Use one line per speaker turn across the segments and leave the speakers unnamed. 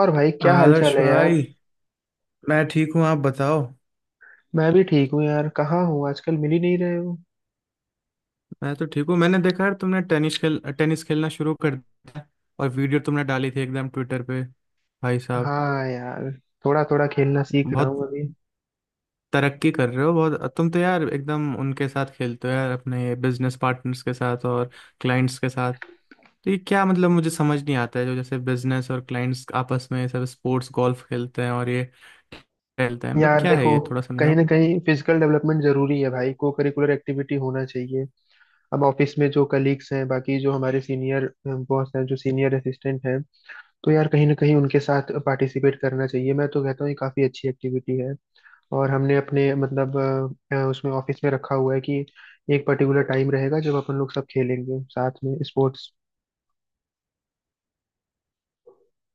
और भाई क्या
आदर्श
हालचाल है यार।
भाई, मैं ठीक हूँ, आप बताओ।
मैं भी ठीक हूँ यार। कहाँ हूँ आजकल मिल ही नहीं रहे हो?
मैं तो ठीक हूँ। मैंने देखा यार, तुमने टेनिस खेलना शुरू कर दिया और वीडियो तुमने डाली थी एकदम ट्विटर पे, भाई साहब।
हाँ यार। थोड़ा थोड़ा खेलना सीख रहा
बहुत
हूँ अभी।
तरक्की कर रहे हो बहुत तुम तो यार, एकदम उनके साथ खेलते हो यार, अपने बिजनेस पार्टनर्स के साथ और क्लाइंट्स के साथ। तो ये क्या मतलब, मुझे समझ नहीं आता है, जो जैसे बिजनेस और क्लाइंट्स आपस में ये सब स्पोर्ट्स गोल्फ खेलते हैं और ये खेलते हैं, मतलब
यार
क्या है
देखो,
ये थोड़ा
कहीं
समझाओ।
ना कहीं फिजिकल डेवलपमेंट जरूरी है भाई, को करिकुलर एक्टिविटी होना चाहिए। अब ऑफिस में जो कलीग्स हैं, बाकी जो हमारे सीनियर बॉस हैं, जो सीनियर असिस्टेंट हैं, तो यार कहीं ना कहीं उनके साथ पार्टिसिपेट करना चाहिए। मैं तो कहता हूँ ये काफी अच्छी एक्टिविटी है। और हमने अपने मतलब उसमें ऑफिस में रखा हुआ है कि एक पर्टिकुलर टाइम रहेगा जब अपन लोग सब खेलेंगे साथ में स्पोर्ट्स।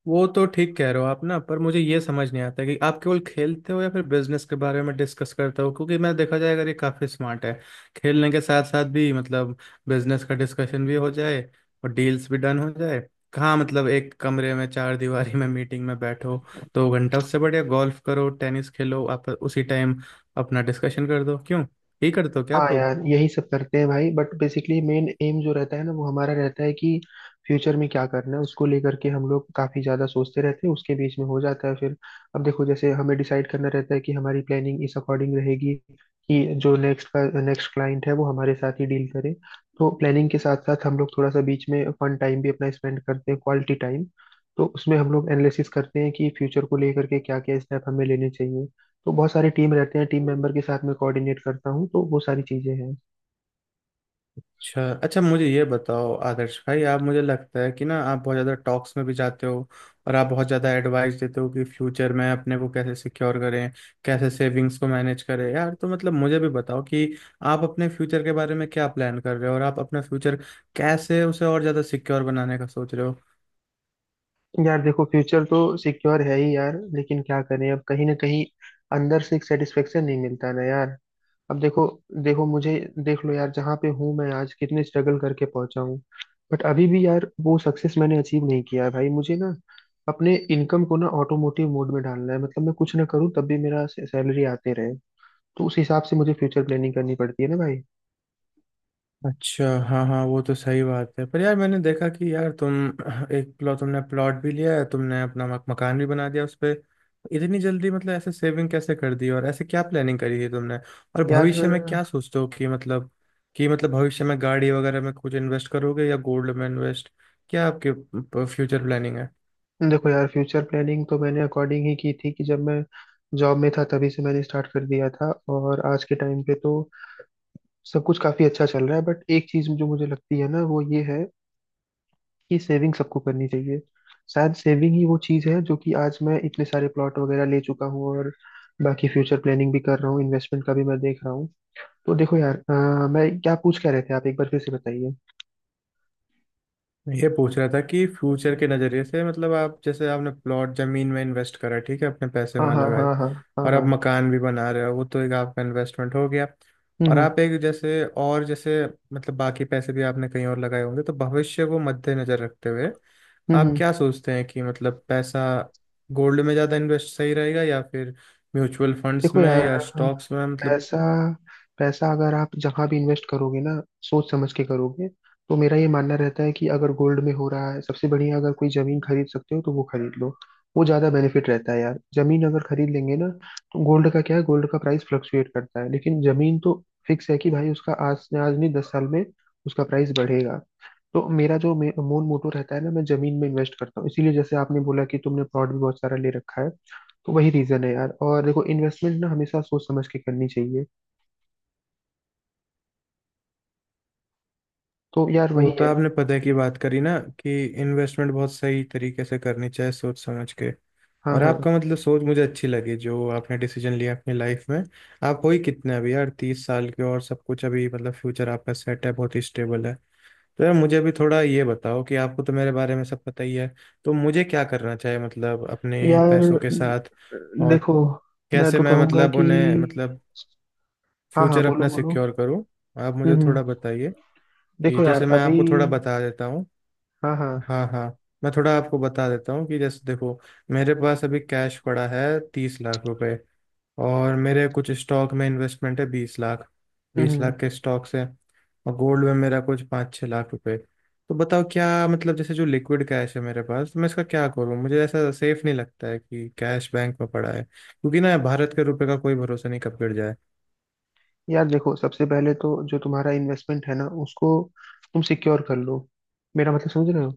वो तो ठीक कह रहे हो आप, ना, पर मुझे ये समझ नहीं आता कि आप केवल खेलते हो या फिर बिजनेस के बारे में डिस्कस करते हो, क्योंकि मैं, देखा जाए अगर, ये काफी स्मार्ट है, खेलने के साथ साथ भी मतलब बिजनेस का डिस्कशन भी हो जाए और डील्स भी डन हो जाए। कहाँ मतलब एक कमरे में चार दीवारी में मीटिंग में बैठो दो घंटा, उससे बढ़िया गोल्फ करो, टेनिस खेलो, आप उसी टाइम अपना डिस्कशन कर दो, क्यों? यही करते हो क्या
हाँ
आप लोग?
यार, यही सब करते हैं भाई, बट बेसिकली मेन एम जो रहता है ना, वो हमारा रहता है कि फ्यूचर में क्या करना है, उसको लेकर के हम लोग काफी ज्यादा सोचते रहते हैं। उसके बीच में हो जाता है फिर। अब देखो, जैसे हमें डिसाइड करना रहता है कि हमारी प्लानिंग इस अकॉर्डिंग रहेगी कि जो नेक्स्ट का नेक्स्ट क्लाइंट है वो हमारे साथ ही डील करे। तो प्लानिंग के साथ साथ हम लोग थोड़ा सा बीच में फन टाइम भी अपना स्पेंड करते हैं, क्वालिटी टाइम। तो उसमें हम लोग एनालिसिस करते हैं कि फ्यूचर को लेकर के क्या क्या स्टेप हमें लेने चाहिए। तो बहुत सारी टीम रहते हैं, टीम मेंबर के साथ में कोऑर्डिनेट करता हूँ, तो वो सारी चीजें हैं।
अच्छा अच्छा, मुझे ये बताओ आदर्श भाई, आप, मुझे लगता है कि ना, आप बहुत ज़्यादा टॉक्स में भी जाते हो और आप बहुत ज़्यादा एडवाइस देते हो कि फ्यूचर में अपने को कैसे सिक्योर करें, कैसे सेविंग्स को मैनेज करें। यार, तो मतलब मुझे भी बताओ कि आप अपने फ्यूचर के बारे में क्या प्लान कर रहे हो और आप अपना फ्यूचर कैसे उसे और ज़्यादा सिक्योर बनाने का सोच रहे हो।
यार देखो, फ्यूचर तो सिक्योर है ही यार, लेकिन क्या करें, अब कहीं ना कहीं अंदर से एक सेटिस्फेक्शन नहीं मिलता ना यार। अब देखो। देखो मुझे, देख लो यार जहाँ पे हूँ मैं आज, कितने स्ट्रगल करके पहुंचा हूँ। बट अभी भी यार वो सक्सेस मैंने अचीव नहीं किया है भाई। मुझे ना अपने इनकम को ना ऑटोमोटिव मोड में डालना है, मतलब मैं कुछ ना करूँ तब भी मेरा सैलरी आते रहे। तो उस हिसाब से मुझे फ्यूचर प्लानिंग करनी पड़ती है ना भाई।
अच्छा, हाँ हाँ, वो तो सही बात है, पर यार मैंने देखा कि यार तुम एक प्लॉट, तुमने प्लॉट भी लिया है, तुमने अपना मकान भी बना दिया उस पे। इतनी जल्दी मतलब ऐसे सेविंग कैसे कर दी और ऐसे क्या प्लानिंग करी है तुमने और
यार
भविष्य में क्या सोचते हो? कि मतलब भविष्य में गाड़ी वगैरह में कुछ इन्वेस्ट करोगे या गोल्ड में इन्वेस्ट, क्या आपके फ्यूचर प्लानिंग है?
देखो, यार फ्यूचर प्लानिंग तो मैंने अकॉर्डिंग ही की थी। कि जब मैं जॉब में था तभी से मैंने स्टार्ट कर दिया था, और आज के टाइम पे तो सब कुछ काफी अच्छा चल रहा है। बट एक चीज जो मुझे लगती है ना, वो ये है कि सेविंग सबको करनी चाहिए। शायद सेविंग ही वो चीज है जो कि आज मैं इतने सारे प्लॉट वगैरह ले चुका हूँ, और बाकी फ्यूचर प्लानिंग भी कर रहा हूँ, इन्वेस्टमेंट का भी मैं देख रहा हूँ। तो देखो यार, मैं क्या पूछ क्या रहे थे आप, एक बार फिर से बताइए।
मैं ये पूछ रहा था कि फ्यूचर के नज़रिए से, मतलब आप जैसे आपने प्लॉट, जमीन में इन्वेस्ट करा, ठीक है, अपने पैसे
हाँ
वहाँ
हाँ
लगाए,
हाँ हाँ। हाँ
और आप
हाँ।
मकान भी बना रहे हो, वो तो एक आपका इन्वेस्टमेंट हो गया। और आप
हम्म।
एक, जैसे और जैसे, मतलब बाकी पैसे भी आपने कहीं और लगाए होंगे, तो भविष्य को मद्देनजर रखते हुए
हम्म,
आप
हम्म।
क्या सोचते हैं कि मतलब पैसा गोल्ड में ज़्यादा इन्वेस्ट सही रहेगा या फिर म्यूचुअल फंड्स
देखो
में
यार,
या स्टॉक्स में, मतलब?
पैसा पैसा अगर आप जहां भी इन्वेस्ट करोगे ना, सोच समझ के करोगे, तो मेरा ये मानना रहता है कि अगर गोल्ड में हो रहा है सबसे बढ़िया, अगर कोई जमीन खरीद सकते हो तो वो खरीद लो। वो ज्यादा बेनिफिट रहता है यार। जमीन अगर खरीद लेंगे ना, तो गोल्ड का क्या है, गोल्ड का प्राइस फ्लक्चुएट करता है, लेकिन जमीन तो फिक्स है कि भाई उसका आज से आज नहीं, 10 साल में उसका प्राइस बढ़ेगा। तो मेरा जो मूल मोटो रहता है ना, मैं जमीन में इन्वेस्ट करता हूँ, इसीलिए जैसे आपने बोला कि तुमने प्लॉट भी बहुत सारा ले रखा है, तो वही रीजन है यार। और देखो, इन्वेस्टमेंट ना हमेशा सोच समझ के करनी चाहिए। तो यार
वो
वही
तो
है।
आपने पता की बात करी ना कि इन्वेस्टमेंट बहुत सही तरीके से करनी चाहिए, सोच समझ के।
हाँ
और
हाँ।
आपका, मतलब सोच मुझे अच्छी लगी, जो आपने डिसीजन लिया अपनी लाइफ में। आप हो ही कितने अभी, यार 30 साल के, और सब कुछ अभी मतलब फ्यूचर आपका सेट है, बहुत ही स्टेबल है। तो यार मुझे अभी थोड़ा ये बताओ कि आपको तो मेरे बारे में सब पता ही है, तो मुझे क्या करना चाहिए मतलब अपने
यार
पैसों के साथ, और
देखो, मैं
कैसे
तो
मैं
कहूंगा
मतलब
कि।
उन्हें, मतलब
हाँ हाँ,
फ्यूचर
बोलो
अपना
बोलो।
सिक्योर करूँ। आप
हम्म
मुझे
हम्म,
थोड़ा बताइए कि
देखो यार
जैसे मैं
अभी।
आपको थोड़ा बता देता हूँ।
हाँ हाँ।
हाँ हाँ, मैं थोड़ा आपको बता देता हूँ कि जैसे देखो, मेरे पास अभी कैश पड़ा है 30 लाख रुपए, और मेरे कुछ स्टॉक में इन्वेस्टमेंट है 20 लाख,
हम्म
बीस लाख
हम्म,
के स्टॉक्स है। और गोल्ड में मेरा कुछ 5-6 लाख रुपए। तो बताओ क्या मतलब, जैसे जो लिक्विड कैश है मेरे पास, तो मैं इसका क्या करूँ? मुझे ऐसा सेफ नहीं लगता है कि कैश बैंक में पड़ा है, क्योंकि ना, भारत के रुपए का कोई भरोसा नहीं, कब गिर जाए।
यार देखो, सबसे पहले तो जो तुम्हारा इन्वेस्टमेंट है ना, उसको तुम सिक्योर कर लो। मेरा मतलब समझ रहे हो?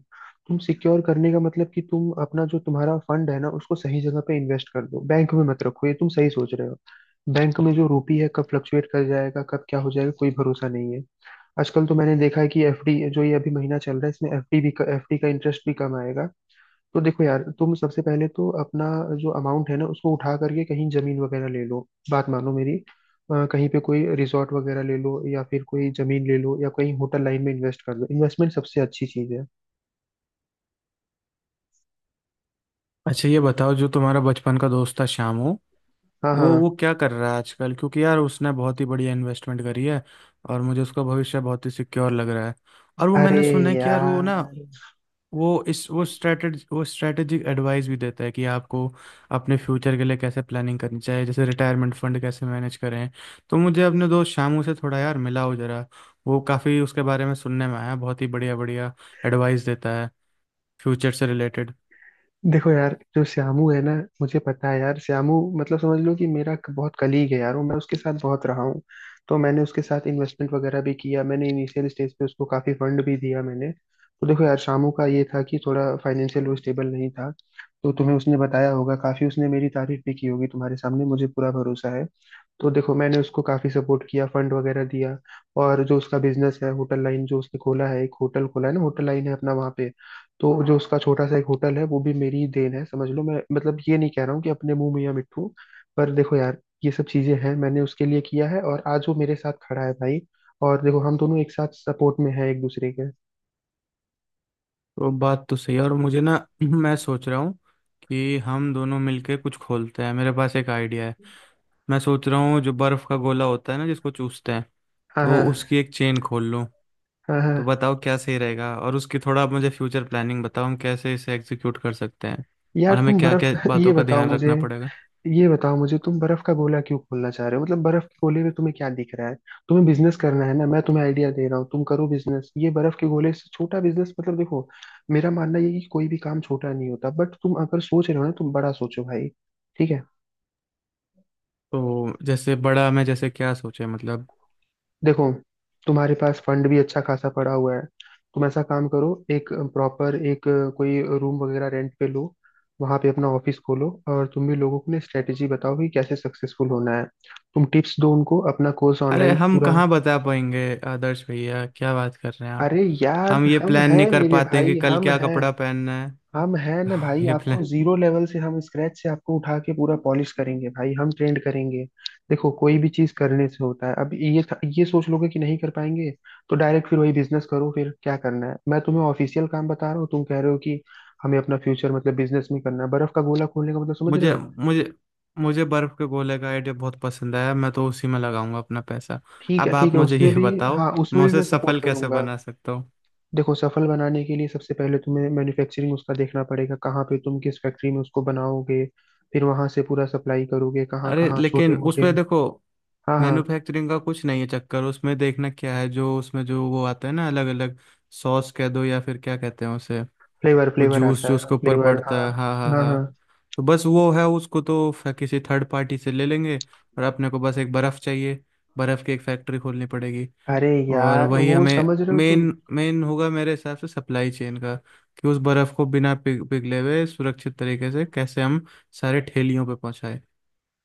तुम सिक्योर करने का मतलब कि तुम अपना जो तुम्हारा फंड है ना, उसको सही जगह पे इन्वेस्ट कर दो, बैंक में मत रखो। ये तुम सही सोच रहे हो। बैंक में जो रुपी है कब फ्लक्चुएट कर जाएगा, कब क्या हो जाएगा, कोई भरोसा नहीं है। आजकल तो मैंने देखा है कि एफडी, जो ये अभी महीना चल रहा है इसमें एफडी भी, एफडी का इंटरेस्ट भी कम आएगा। तो देखो यार, तुम सबसे पहले तो अपना जो अमाउंट है ना, उसको उठा करके कहीं जमीन वगैरह ले लो। बात मानो मेरी। कहीं पे कोई रिजॉर्ट वगैरह ले लो, या फिर कोई जमीन ले लो, या कहीं होटल लाइन में इन्वेस्ट कर दो। इन्वेस्टमेंट सबसे अच्छी चीज है।
अच्छा, ये बताओ, जो तुम्हारा बचपन का दोस्त था श्यामू,
हाँ
वो
हाँ।
क्या कर रहा है आजकल? क्योंकि यार उसने बहुत ही बढ़िया इन्वेस्टमेंट करी है, और मुझे उसका भविष्य बहुत ही सिक्योर लग रहा है, और वो
अरे
मैंने सुना है कि यार वो ना,
यार।
वो इस वो स्ट्रेटेजी वो स्ट्रेटेजिक एडवाइस भी देता है कि आपको अपने फ्यूचर के लिए कैसे प्लानिंग करनी चाहिए, जैसे रिटायरमेंट फंड कैसे मैनेज करें। तो मुझे अपने दोस्त शामू से थोड़ा यार मिलाओ जरा, वो काफ़ी, उसके बारे में सुनने में आया, बहुत ही बढ़िया बढ़िया एडवाइस देता है फ्यूचर से रिलेटेड।
देखो यार, जो श्यामू है ना, मुझे पता है यार श्यामू। मतलब समझ लो कि मेरा बहुत कलीग है यार, और मैं उसके साथ बहुत रहा हूँ। तो मैंने उसके साथ इन्वेस्टमेंट वगैरह भी किया, मैंने इनिशियल स्टेज पे उसको काफी फंड भी दिया मैंने। तो देखो यार, शामू का ये था कि थोड़ा फाइनेंशियल वो स्टेबल नहीं था। तो तुम्हें उसने बताया होगा, काफी उसने मेरी तारीफ भी की होगी तुम्हारे सामने, मुझे पूरा भरोसा है। तो देखो, मैंने उसको काफी सपोर्ट किया, फंड वगैरह दिया। और जो उसका बिजनेस है होटल लाइन, जो उसने खोला है, एक होटल खोला है ना, होटल लाइन है अपना वहाँ पे। तो जो उसका छोटा सा एक होटल है, वो भी मेरी ही देन है समझ लो। मैं मतलब ये नहीं कह रहा हूँ कि अपने मुंह मियां मिट्ठू, पर देखो यार, ये सब चीजें हैं मैंने उसके लिए किया है, और आज वो मेरे साथ खड़ा है भाई। और देखो, हम दोनों एक साथ सपोर्ट में हैं एक दूसरे के।
तो बात तो सही है। और मुझे ना मैं सोच रहा हूँ कि हम दोनों मिलके कुछ खोलते हैं, मेरे पास एक आइडिया है। मैं सोच रहा हूँ जो बर्फ़ का गोला होता है ना, जिसको चूसते हैं,
हाँ
तो
हाँ।
उसकी एक चेन खोल लूं।
हाँ हाँ
तो
हाँ।
बताओ क्या सही रहेगा, और उसकी थोड़ा आप मुझे फ्यूचर प्लानिंग बताओ, हम कैसे इसे एग्जीक्यूट कर सकते हैं और
यार,
हमें
तुम
क्या
बर्फ
क्या
ये
बातों का
बताओ
ध्यान
मुझे।
रखना पड़ेगा।
ये बताओ मुझे, तुम बर्फ का गोला क्यों खोलना चाह रहे हो? मतलब बर्फ के गोले में तुम्हें क्या दिख रहा है? तुम्हें बिजनेस करना है ना, मैं तुम्हें आइडिया दे रहा हूँ, तुम करो बिजनेस। ये बर्फ के गोले से छोटा बिजनेस मतलब, देखो, मेरा मानना ये है कि कोई भी काम छोटा नहीं होता, बट तुम अगर सोच रहे हो ना, तुम बड़ा सोचो भाई। ठीक है?
तो जैसे बड़ा, हमें जैसे क्या सोचे, मतलब?
देखो, तुम्हारे पास फंड भी अच्छा खासा पड़ा हुआ है। तुम ऐसा काम करो, एक प्रॉपर एक कोई रूम वगैरह रेंट पे लो, वहां पे अपना ऑफिस खोलो, और तुम भी लोगों को ना स्ट्रेटेजी बताओ कि कैसे सक्सेसफुल होना है। तुम टिप्स दो उनको, अपना कोर्स
अरे,
ऑनलाइन
हम
पूरा।
कहाँ बता पाएंगे आदर्श भैया, क्या बात कर रहे हैं आप!
अरे यार,
हम ये
हम
प्लान नहीं
हैं
कर
मेरे
पाते हैं कि
भाई,
कल
हम
क्या
हैं।
कपड़ा पहनना
हम हैं ना भाई,
है। ये
आपको
प्लान!
जीरो लेवल से, हम स्क्रैच से आपको उठा के पूरा पॉलिश करेंगे भाई, हम ट्रेंड करेंगे। देखो, कोई भी चीज करने से होता है। अब ये सोच लोगे कि नहीं कर पाएंगे, तो डायरेक्ट फिर वही बिजनेस करो। फिर क्या करना है, मैं तुम्हें ऑफिशियल काम बता रहा हूँ, तुम कह रहे हो कि हमें अपना फ्यूचर मतलब बिजनेस में करना है। बर्फ का गोला खोलने का मतलब समझ रहे
मुझे
हो?
मुझे मुझे बर्फ के गोले का आइडिया बहुत पसंद आया, मैं तो उसी में लगाऊंगा अपना पैसा।
ठीक है,
अब
ठीक
आप
है,
मुझे
उसमें
ये
भी।
बताओ,
हाँ उसमें
मैं
भी
उसे
मैं
सफल
सपोर्ट
कैसे
करूंगा।
बना सकता हूँ?
देखो, सफल बनाने के लिए सबसे पहले तुम्हें मैन्युफैक्चरिंग उसका देखना पड़ेगा, कहाँ पे तुम किस फैक्ट्री में उसको बनाओगे, फिर वहां से पूरा सप्लाई करोगे कहाँ
अरे
कहाँ
लेकिन
छोटे मोटे।
उसमें देखो,
हाँ हाँ।
मैन्युफैक्चरिंग का कुछ नहीं है चक्कर, उसमें देखना क्या है, जो उसमें जो वो आता है ना, अलग अलग सॉस कह दो या फिर क्या कहते हैं उसे,
फ्लेवर,
वो
फ्लेवर
जूस
आता
जो
है,
उसके ऊपर
फ्लेवर, हाँ।
पड़ता है, हाँ हाँ
हाँ
हाँ।
हाँ।
तो बस वो है, उसको तो किसी थर्ड पार्टी से ले लेंगे, और अपने को बस एक बर्फ़ चाहिए, बर्फ़ की एक फैक्ट्री खोलनी पड़ेगी।
अरे
और
यार,
वही
वो
हमें
समझ रहे हो तुम।
मेन मेन होगा मेरे हिसाब से, सप्लाई चेन का, कि उस बर्फ़ को बिना पिघले हुए, सुरक्षित तरीके से कैसे हम सारे ठेलियों पे पहुंचाएं,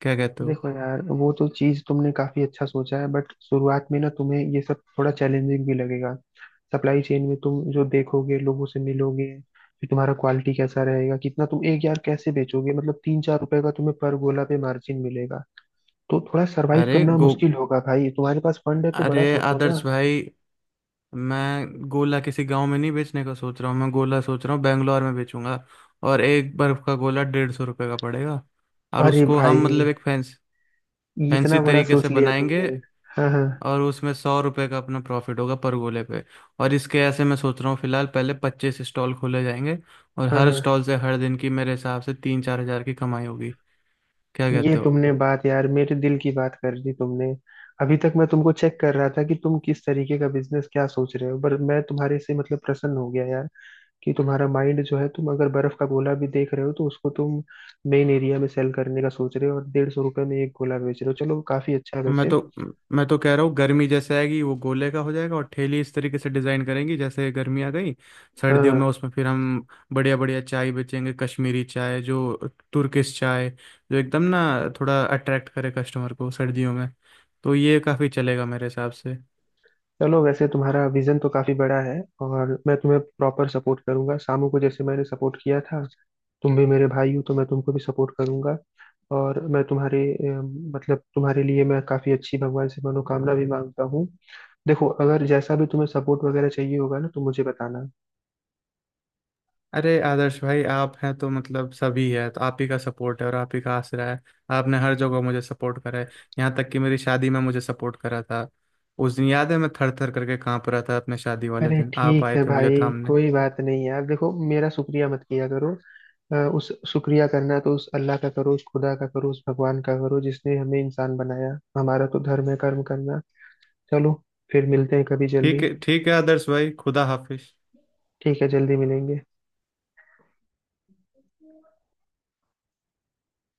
क्या कहते हो?
देखो यार, वो तो चीज तुमने काफी अच्छा सोचा है, बट शुरुआत में ना तुम्हें ये सब थोड़ा चैलेंजिंग भी लगेगा। सप्लाई चेन में तुम जो देखोगे, लोगों से मिलोगे, फिर तुम्हारा क्वालिटी कैसा रहेगा, कितना तुम एक यार कैसे बेचोगे, मतलब तीन चार रुपए का तुम्हें पर गोला पे मार्जिन मिलेगा। तो थोड़ा सरवाइव
अरे
करना
गो
मुश्किल होगा भाई। तुम्हारे पास फंड है तो बड़ा
अरे
सोचो
आदर्श
ना।
भाई, मैं गोला किसी गांव में नहीं बेचने का सोच रहा हूँ, मैं गोला सोच रहा हूँ बेंगलोर में बेचूंगा, और एक बर्फ का गोला 150 रुपये का पड़ेगा, और
अरे
उसको हम
भाई,
मतलब एक फैंसी
इतना बड़ा
तरीके से
सोच लिया
बनाएंगे।
तुमने। हाँ हाँ।
और उसमें 100 रुपये का अपना प्रॉफिट होगा पर गोले पे। और इसके ऐसे मैं सोच रहा हूँ फिलहाल, पहले 25 स्टॉल खोले जाएंगे, और
हाँ
हर
हाँ।
स्टॉल से हर दिन की मेरे हिसाब से 3-4 हजार की कमाई होगी, क्या
ये
कहते हो?
तुमने बात, यार मेरे दिल की बात कर दी तुमने। अभी तक मैं तुमको चेक कर रहा था कि तुम किस तरीके का बिजनेस क्या सोच रहे हो, पर मैं तुम्हारे से मतलब प्रसन्न हो गया यार। कि तुम्हारा माइंड जो है, तुम अगर बर्फ का गोला भी देख रहे हो तो उसको तुम मेन एरिया में सेल करने का सोच रहे हो, और 150 रुपये में एक गोला बेच रहे हो। चलो, काफी अच्छा है
मैं
वैसे।
तो मैं तो कह रहा हूँ, गर्मी जैसे आएगी, वो गोले का हो जाएगा, और ठेली इस तरीके से डिजाइन करेंगी, जैसे गर्मी आ गई।
हाँ
सर्दियों में
हाँ।
उसमें फिर हम बढ़िया बढ़िया चाय बेचेंगे, कश्मीरी चाय, जो, तुर्किश चाय, जो एकदम ना थोड़ा अट्रैक्ट करे कस्टमर को सर्दियों में। तो ये काफ़ी चलेगा मेरे हिसाब से।
चलो, वैसे तुम्हारा विजन तो काफी बड़ा है, और मैं तुम्हें प्रॉपर सपोर्ट करूंगा, शामू को जैसे मैंने सपोर्ट किया था, तुम भी मेरे भाई हो तो मैं तुमको भी सपोर्ट करूंगा। और मैं तुम्हारे मतलब तुम्हारे लिए मैं काफी अच्छी भगवान से मनोकामना भी मांगता हूँ। देखो, अगर जैसा भी तुम्हें सपोर्ट वगैरह चाहिए होगा ना, तो मुझे बताना।
अरे आदर्श भाई, आप हैं तो मतलब सभी है, तो आप ही का सपोर्ट है और आप ही का आसरा है। आपने हर जगह मुझे सपोर्ट करा है, यहाँ तक कि मेरी शादी में मुझे सपोर्ट करा था। उस दिन याद है, मैं थर थर करके कांप रहा था अपने शादी वाले
अरे
दिन, आप
ठीक
आए
है
थे मुझे
भाई,
थामने।
कोई बात नहीं यार। देखो, मेरा शुक्रिया मत किया करो। उस शुक्रिया करना तो उस अल्लाह का करो, उस खुदा का करो, उस भगवान का करो जिसने हमें इंसान बनाया। हमारा तो धर्म है कर्म करना। चलो, फिर मिलते हैं कभी
ठीक
जल्दी।
है ठीक है, आदर्श भाई, खुदा हाफिज।
ठीक है, जल्दी मिलेंगे।